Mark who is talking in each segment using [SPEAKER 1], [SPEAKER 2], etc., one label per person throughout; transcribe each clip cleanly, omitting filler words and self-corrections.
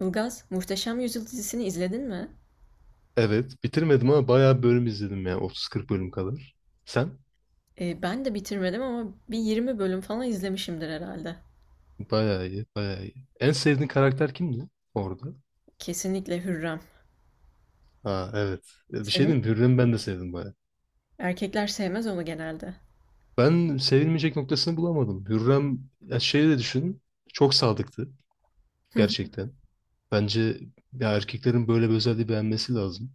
[SPEAKER 1] Ilgaz, Muhteşem Yüzyıl dizisini izledin mi?
[SPEAKER 2] Evet, bitirmedim ama bayağı bölüm izledim yani 30-40 bölüm kadar. Sen?
[SPEAKER 1] Ben de bitirmedim ama bir 20 bölüm falan izlemişimdir herhalde.
[SPEAKER 2] Bayağı iyi, bayağı iyi. En sevdiğin karakter kimdi orada?
[SPEAKER 1] Kesinlikle Hürrem.
[SPEAKER 2] Ha evet. Ya bir şey
[SPEAKER 1] Senin?
[SPEAKER 2] diyeyim, mi? Hürrem'i ben de sevdim bayağı.
[SPEAKER 1] Erkekler sevmez onu genelde.
[SPEAKER 2] Ben sevilmeyecek noktasını bulamadım. Hürrem, ya şeyi de düşün, çok sadıktı gerçekten. Bence ya erkeklerin böyle bir özelliği beğenmesi lazım.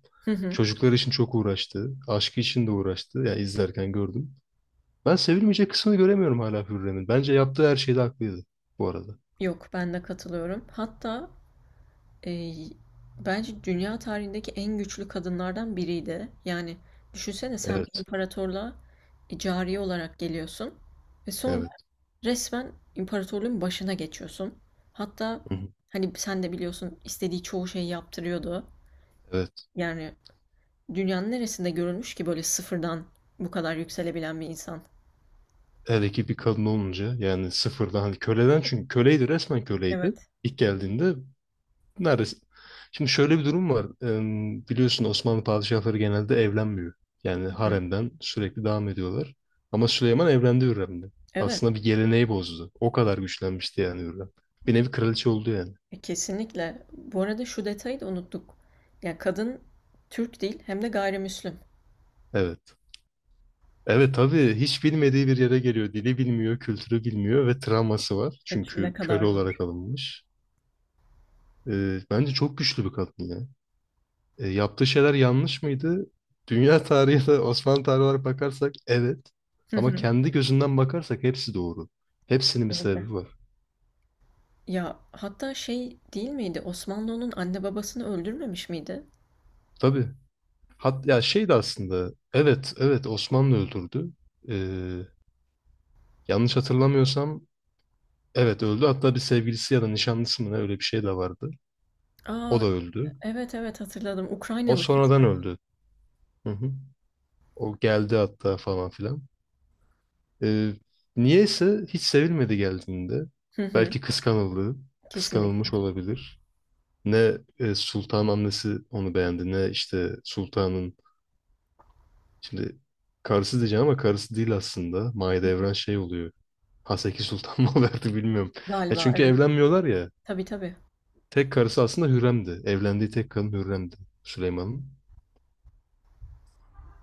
[SPEAKER 2] Çocuklar için çok uğraştı, aşkı için de uğraştı. Ya izlerken gördüm. Ben sevilmeyecek kısmını göremiyorum hala Hürrem'in. Bence yaptığı her şeyde haklıydı bu arada.
[SPEAKER 1] Yok, ben de katılıyorum. Hatta e, bence dünya tarihindeki en güçlü kadınlardan biriydi. Yani düşünsene sen bir
[SPEAKER 2] Evet,
[SPEAKER 1] imparatorluğa cariye olarak geliyorsun ve sonra
[SPEAKER 2] evet.
[SPEAKER 1] resmen imparatorluğun başına geçiyorsun. Hatta hani sen de biliyorsun istediği çoğu şeyi yaptırıyordu.
[SPEAKER 2] Evet.
[SPEAKER 1] Yani dünyanın neresinde görülmüş ki böyle sıfırdan bu kadar yükselebilen bir insan?
[SPEAKER 2] Hele ki bir kadın olunca yani sıfırdan hani köleden çünkü köleydi resmen köleydi
[SPEAKER 1] Evet.
[SPEAKER 2] ilk geldiğinde neredeyse. Şimdi şöyle bir durum var. Biliyorsun Osmanlı padişahları genelde evlenmiyor. Yani
[SPEAKER 1] Hı hı.
[SPEAKER 2] haremden sürekli devam ediyorlar. Ama Süleyman evlendi Hürrem'le.
[SPEAKER 1] Evet.
[SPEAKER 2] Aslında bir geleneği bozdu. O kadar güçlenmişti yani Hürrem. Bir nevi kraliçe oldu yani.
[SPEAKER 1] Kesinlikle. Bu arada şu detayı da unuttuk. Yani kadın Türk değil hem de gayrimüslim.
[SPEAKER 2] Evet. Evet tabii hiç bilmediği bir yere geliyor. Dili bilmiyor, kültürü bilmiyor ve travması var.
[SPEAKER 1] Evet, ne
[SPEAKER 2] Çünkü
[SPEAKER 1] kadar
[SPEAKER 2] köle olarak
[SPEAKER 1] zor.
[SPEAKER 2] alınmış. Bence çok güçlü bir kadın ya. Yaptığı şeyler yanlış mıydı? Dünya tarihi ya da Osmanlı tarihi olarak bakarsak evet.
[SPEAKER 1] Hı
[SPEAKER 2] Ama
[SPEAKER 1] hı.
[SPEAKER 2] kendi gözünden bakarsak hepsi doğru. Hepsinin bir
[SPEAKER 1] Kesinlikle.
[SPEAKER 2] sebebi var.
[SPEAKER 1] Ya hatta şey değil miydi? Osmanlı'nın anne babasını öldürmemiş miydi?
[SPEAKER 2] Tabii. Hat ya şey de aslında evet Osmanlı öldürdü. E, yanlış hatırlamıyorsam evet öldü. Hatta bir sevgilisi ya da nişanlısı mı ne öyle bir şey de vardı. O
[SPEAKER 1] Aa,
[SPEAKER 2] da öldü.
[SPEAKER 1] evet evet hatırladım.
[SPEAKER 2] O
[SPEAKER 1] Ukraynalıydı
[SPEAKER 2] sonradan
[SPEAKER 1] sanki.
[SPEAKER 2] öldü. Hı hı. O geldi hatta falan filan. E, niyeyse hiç sevilmedi geldiğinde.
[SPEAKER 1] Hı hı.
[SPEAKER 2] Belki kıskanıldı.
[SPEAKER 1] Kesinlikle.
[SPEAKER 2] Kıskanılmış olabilir. Ne Sultan annesi onu beğendi ne işte Sultan'ın şimdi karısı diyeceğim ama karısı değil aslında. Mahidevran şey oluyor. Haseki Sultan mı verdi bilmiyorum. Ya
[SPEAKER 1] Galiba
[SPEAKER 2] çünkü
[SPEAKER 1] evet.
[SPEAKER 2] evlenmiyorlar ya.
[SPEAKER 1] Tabii tabii.
[SPEAKER 2] Tek karısı aslında Hürrem'di. Evlendiği tek kadın Hürrem'di Süleyman'ın.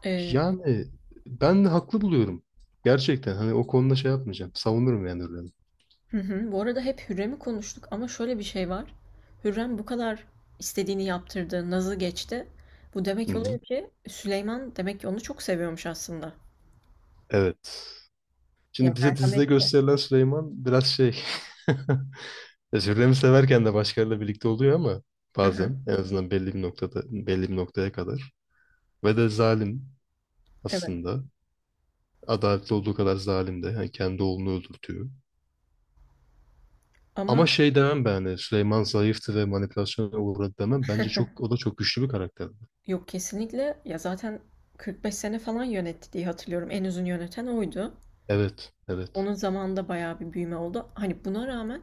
[SPEAKER 1] Ee,
[SPEAKER 2] Yani ben de haklı buluyorum. Gerçekten hani o konuda şey yapmayacağım. Savunurum yani Hürrem'i.
[SPEAKER 1] hı hı. Bu arada hep Hürrem'i konuştuk ama şöyle bir şey var. Hürrem bu kadar istediğini yaptırdı, nazı geçti. Bu
[SPEAKER 2] Hı
[SPEAKER 1] demek oluyor
[SPEAKER 2] hı.
[SPEAKER 1] ki Süleyman demek ki onu çok seviyormuş aslında.
[SPEAKER 2] Evet.
[SPEAKER 1] Ya
[SPEAKER 2] Şimdi bize dizide
[SPEAKER 1] merhametli.
[SPEAKER 2] gösterilen Süleyman biraz şey. Özürlerimi severken de başkalarıyla birlikte oluyor ama
[SPEAKER 1] Hı hı.
[SPEAKER 2] bazen en azından belli bir noktada belli bir noktaya kadar ve de zalim
[SPEAKER 1] Evet.
[SPEAKER 2] aslında. Adaletli olduğu kadar zalim de. Yani kendi oğlunu öldürtüyor.
[SPEAKER 1] Ama
[SPEAKER 2] Ama şey demem ben hani Süleyman zayıftı ve manipülasyona uğradı demem. Bence çok o da çok güçlü bir karakterdi.
[SPEAKER 1] yok kesinlikle ya zaten 45 sene falan yönetti diye hatırlıyorum. En uzun yöneten oydu.
[SPEAKER 2] Evet, evet.
[SPEAKER 1] Onun zamanında bayağı bir büyüme oldu. Hani buna rağmen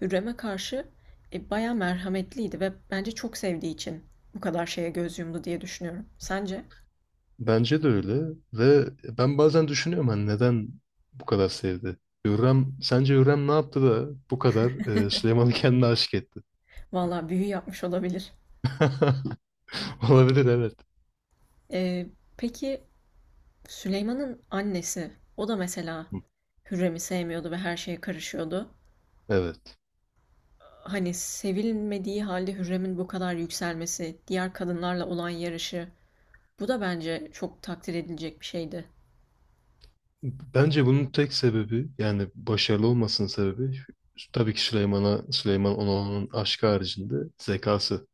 [SPEAKER 1] Hürrem'e karşı bayağı merhametliydi ve bence çok sevdiği için bu kadar şeye göz yumdu diye düşünüyorum. Sence?
[SPEAKER 2] Bence de öyle ve ben bazen düşünüyorum hani neden bu kadar sevdi? Hürrem, sence Hürrem ne yaptı da bu kadar Süleyman'ı kendine aşık etti?
[SPEAKER 1] Valla büyü yapmış olabilir.
[SPEAKER 2] Olabilir evet.
[SPEAKER 1] Ee, peki Süleyman'ın annesi, o da mesela
[SPEAKER 2] Hı,
[SPEAKER 1] Hürrem'i sevmiyordu ve her şeye karışıyordu.
[SPEAKER 2] evet.
[SPEAKER 1] Hani sevilmediği halde Hürrem'in bu kadar yükselmesi, diğer kadınlarla olan yarışı, bu da bence çok takdir edilecek bir şeydi.
[SPEAKER 2] Bence bunun tek sebebi yani başarılı olmasının sebebi tabii ki Süleyman'a Süleyman Onal'ın aşkı haricinde zekası.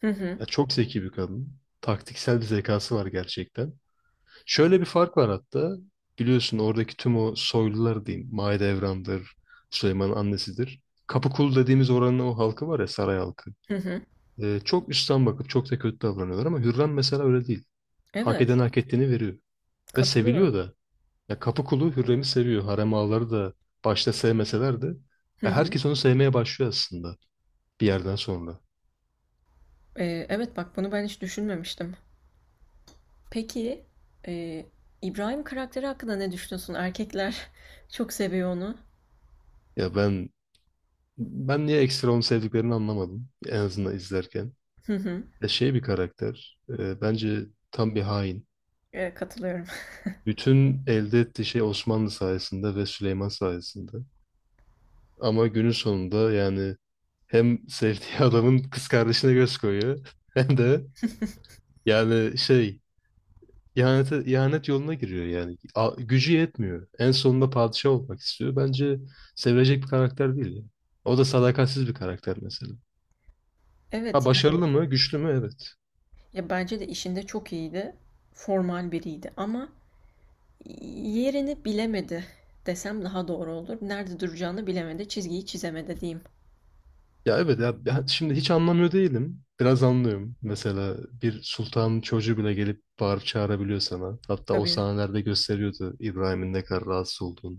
[SPEAKER 1] Hı hı,
[SPEAKER 2] Ya çok zeki bir kadın. Taktiksel bir zekası var gerçekten. Şöyle bir fark var hatta. Biliyorsun oradaki tüm o soylular diyeyim. Mahidevran'dır, Süleyman'ın annesidir. Kapıkulu dediğimiz oranın o halkı var ya saray halkı.
[SPEAKER 1] hı hı.
[SPEAKER 2] Çok üstten bakıp çok da kötü davranıyorlar ama Hürrem mesela öyle değil. Hak eden
[SPEAKER 1] Evet,
[SPEAKER 2] hak ettiğini veriyor. Ve seviliyor
[SPEAKER 1] katılıyorum.
[SPEAKER 2] da. Ya kapı kulu Hürrem'i seviyor. Harem ağaları da başta sevmeseler de
[SPEAKER 1] Hı
[SPEAKER 2] ya
[SPEAKER 1] hı.
[SPEAKER 2] herkes onu sevmeye başlıyor aslında bir yerden sonra.
[SPEAKER 1] Evet bak bunu ben hiç düşünmemiştim. Peki e, İbrahim karakteri hakkında ne düşünüyorsun? Erkekler çok seviyor onu.
[SPEAKER 2] Ya ben niye ekstra onu sevdiklerini anlamadım en azından izlerken.
[SPEAKER 1] Hı hı.
[SPEAKER 2] Ya şey bir karakter. Bence tam bir hain.
[SPEAKER 1] Katılıyorum.
[SPEAKER 2] Bütün elde ettiği şey Osmanlı sayesinde ve Süleyman sayesinde. Ama günün sonunda yani hem sevdiği adamın kız kardeşine göz koyuyor hem de yani şey. İhanet yoluna giriyor yani. A- gücü yetmiyor. En sonunda padişah olmak istiyor. Bence sevilecek bir karakter değil ya. O da sadakatsiz bir karakter mesela. Ha
[SPEAKER 1] Evet.
[SPEAKER 2] başarılı mı? Güçlü mü? Evet.
[SPEAKER 1] Ya bence de işinde çok iyiydi. Formal biriydi ama yerini bilemedi desem daha doğru olur. Nerede duracağını bilemedi, çizgiyi çizemedi diyeyim.
[SPEAKER 2] Ya evet ya ya şimdi hiç anlamıyor değilim. Biraz anlıyorum. Mesela bir sultanın çocuğu bile gelip bağırıp çağırabiliyor sana. Hatta o
[SPEAKER 1] Tabii.
[SPEAKER 2] sahnelerde gösteriyordu İbrahim'in ne kadar rahatsız olduğunu.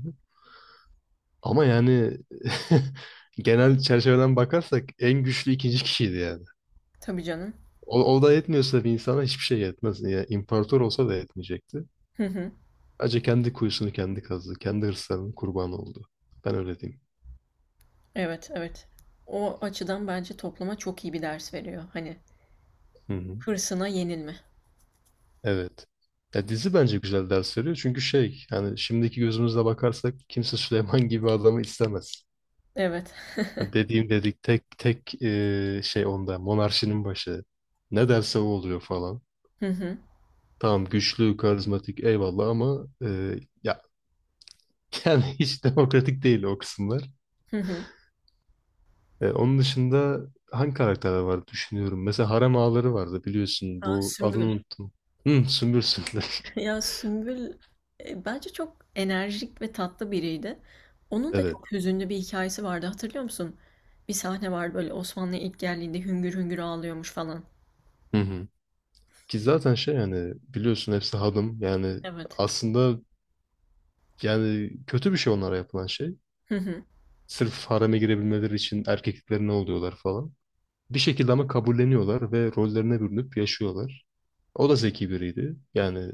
[SPEAKER 2] Ama yani genel çerçeveden bakarsak en güçlü ikinci kişiydi yani.
[SPEAKER 1] Tabii canım.
[SPEAKER 2] O da yetmiyorsa bir insana hiçbir şey yetmez. Yani imparator olsa da yetmeyecekti.
[SPEAKER 1] Hı hı.
[SPEAKER 2] Acı kendi kuyusunu kendi kazdı. Kendi hırslarının kurbanı oldu. Ben öyle diyeyim.
[SPEAKER 1] Evet, evet. O açıdan bence topluma çok iyi bir ders veriyor. Hani
[SPEAKER 2] Hı hı.
[SPEAKER 1] hırsına yenilme.
[SPEAKER 2] Evet. Ya dizi bence güzel ders veriyor. Çünkü şey yani şimdiki gözümüzle bakarsak kimse Süleyman gibi adamı istemez.
[SPEAKER 1] Evet.
[SPEAKER 2] Hani dediğim dedik tek tek şey onda monarşinin başı. Ne derse o oluyor falan.
[SPEAKER 1] Hı hı.
[SPEAKER 2] Tamam güçlü, karizmatik eyvallah ama ya yani hiç demokratik değil o kısımlar.
[SPEAKER 1] Hı hı.
[SPEAKER 2] Onun dışında hangi karakterler vardı düşünüyorum. Mesela harem ağaları vardı biliyorsun.
[SPEAKER 1] Aa,
[SPEAKER 2] Bu adını
[SPEAKER 1] Sümbül.
[SPEAKER 2] unuttum. Hı, Sümbül Sünder.
[SPEAKER 1] Ya Sümbül, bence çok enerjik ve tatlı biriydi. Onun da
[SPEAKER 2] Evet.
[SPEAKER 1] çok hüzünlü bir hikayesi vardı hatırlıyor musun? Bir sahne var böyle Osmanlı'ya ilk geldiğinde hüngür hüngür ağlıyormuş falan.
[SPEAKER 2] Hı hı. Ki zaten şey yani biliyorsun hepsi hadım. Yani
[SPEAKER 1] Evet.
[SPEAKER 2] aslında yani kötü bir şey onlara yapılan şey.
[SPEAKER 1] Hı hı.
[SPEAKER 2] Sırf hareme girebilmeleri için erkekliklerine oluyorlar falan. Bir şekilde ama kabulleniyorlar ve rollerine bürünüp yaşıyorlar. O da zeki biriydi. Yani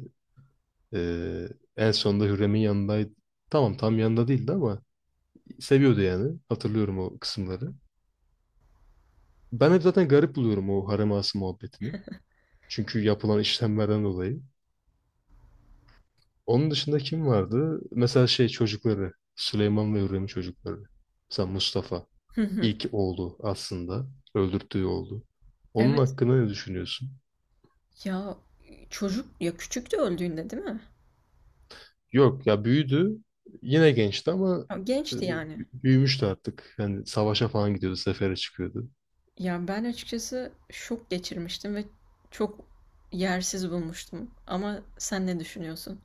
[SPEAKER 2] e, en sonunda Hürrem'in yanındaydı. Tamam tam yanında değildi ama seviyordu yani. Hatırlıyorum o kısımları. Ben hep zaten garip buluyorum o harem ağası muhabbetini. Çünkü yapılan işlemlerden dolayı. Onun dışında kim vardı? Mesela şey çocukları. Süleyman ve Hürrem'in çocukları. Mesela Mustafa.
[SPEAKER 1] Hı hı.
[SPEAKER 2] İlk oğlu aslında. Öldürttüğü oğlu. Onun
[SPEAKER 1] Evet.
[SPEAKER 2] hakkında ne düşünüyorsun?
[SPEAKER 1] Ya çocuk ya küçüktü öldüğünde değil mi?
[SPEAKER 2] Yok ya büyüdü. Yine gençti ama
[SPEAKER 1] Ya,
[SPEAKER 2] e,
[SPEAKER 1] gençti yani.
[SPEAKER 2] büyümüştü artık. Yani savaşa falan gidiyordu. Sefere çıkıyordu.
[SPEAKER 1] Ya ben açıkçası şok geçirmiştim ve çok yersiz bulmuştum. Ama sen ne düşünüyorsun?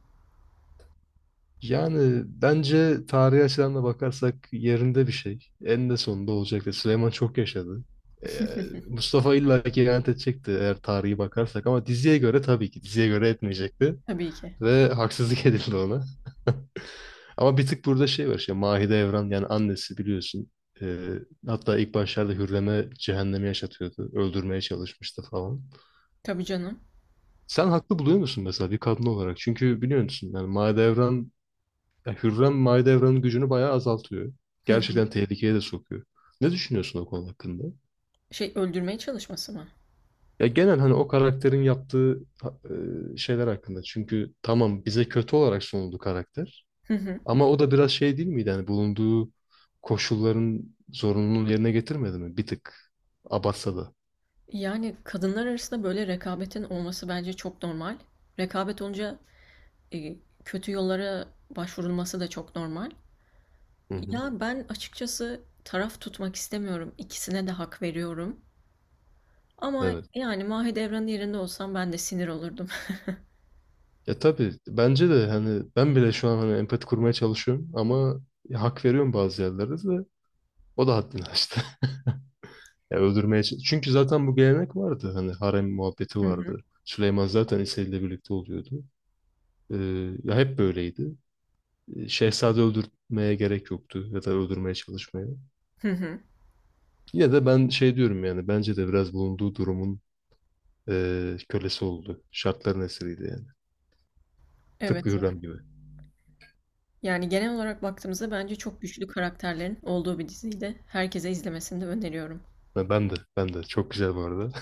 [SPEAKER 2] Yani bence tarihi açıdan da bakarsak yerinde bir şey. En de sonunda olacaktı. Süleyman çok yaşadı. Ee, Mustafa illa ki ihanet edecekti eğer tarihi bakarsak ama diziye göre tabii ki diziye göre etmeyecekti.
[SPEAKER 1] Tabii ki.
[SPEAKER 2] Ve haksızlık edildi ona. Ama bir tık burada şey var işte Mahide Evran yani annesi biliyorsun. Ee, hatta ilk başlarda Hürrem'e cehennemi yaşatıyordu. Öldürmeye çalışmıştı falan.
[SPEAKER 1] Tabii canım.
[SPEAKER 2] Sen haklı buluyor musun mesela bir kadın olarak? Çünkü biliyor musun yani Mahide Evran ya Hürrem Mahidevran'ın gücünü bayağı azaltıyor.
[SPEAKER 1] Hı hı.
[SPEAKER 2] Gerçekten tehlikeye de sokuyor. Ne düşünüyorsun o konu hakkında?
[SPEAKER 1] Şey öldürmeye çalışması mı?
[SPEAKER 2] Ya genel hani o karakterin yaptığı ha- şeyler hakkında. Çünkü tamam bize kötü olarak sunuldu karakter. Ama o da biraz şey değil miydi? Hani bulunduğu koşulların zorunluluğunu yerine getirmedi mi? Bir tık. Abatsa da.
[SPEAKER 1] Yani kadınlar arasında böyle rekabetin olması bence çok normal. Rekabet olunca e, kötü yollara başvurulması da çok normal.
[SPEAKER 2] Hı hı.
[SPEAKER 1] Ya ben açıkçası taraf tutmak istemiyorum. İkisine de hak veriyorum. Ama
[SPEAKER 2] Evet.
[SPEAKER 1] yani Mahidevran'ın yerinde olsam ben de sinir olurdum.
[SPEAKER 2] Ya tabii bence de hani ben bile şu an hani empati kurmaya çalışıyorum ama hak veriyorum bazı yerlerde de o da haddini aştı. Ya öldürmeye ç- çünkü zaten bu gelenek vardı. Hani harem muhabbeti
[SPEAKER 1] Hı hı.
[SPEAKER 2] vardı. Süleyman zaten İsa ile birlikte oluyordu. Ee, ya hep böyleydi. Şehzade öldürmeye gerek yoktu ya da öldürmeye çalışmaya.
[SPEAKER 1] Hı hı.
[SPEAKER 2] Yine de ben şey diyorum yani bence de biraz bulunduğu durumun kölesi oldu. Şartların esiriydi yani.
[SPEAKER 1] Evet.
[SPEAKER 2] Tıpkı Hürrem gibi.
[SPEAKER 1] Yani genel olarak baktığımızda bence çok güçlü karakterlerin olduğu bir diziydi. Herkese izlemesini de öneriyorum.
[SPEAKER 2] Ha, ben de çok güzel bu arada.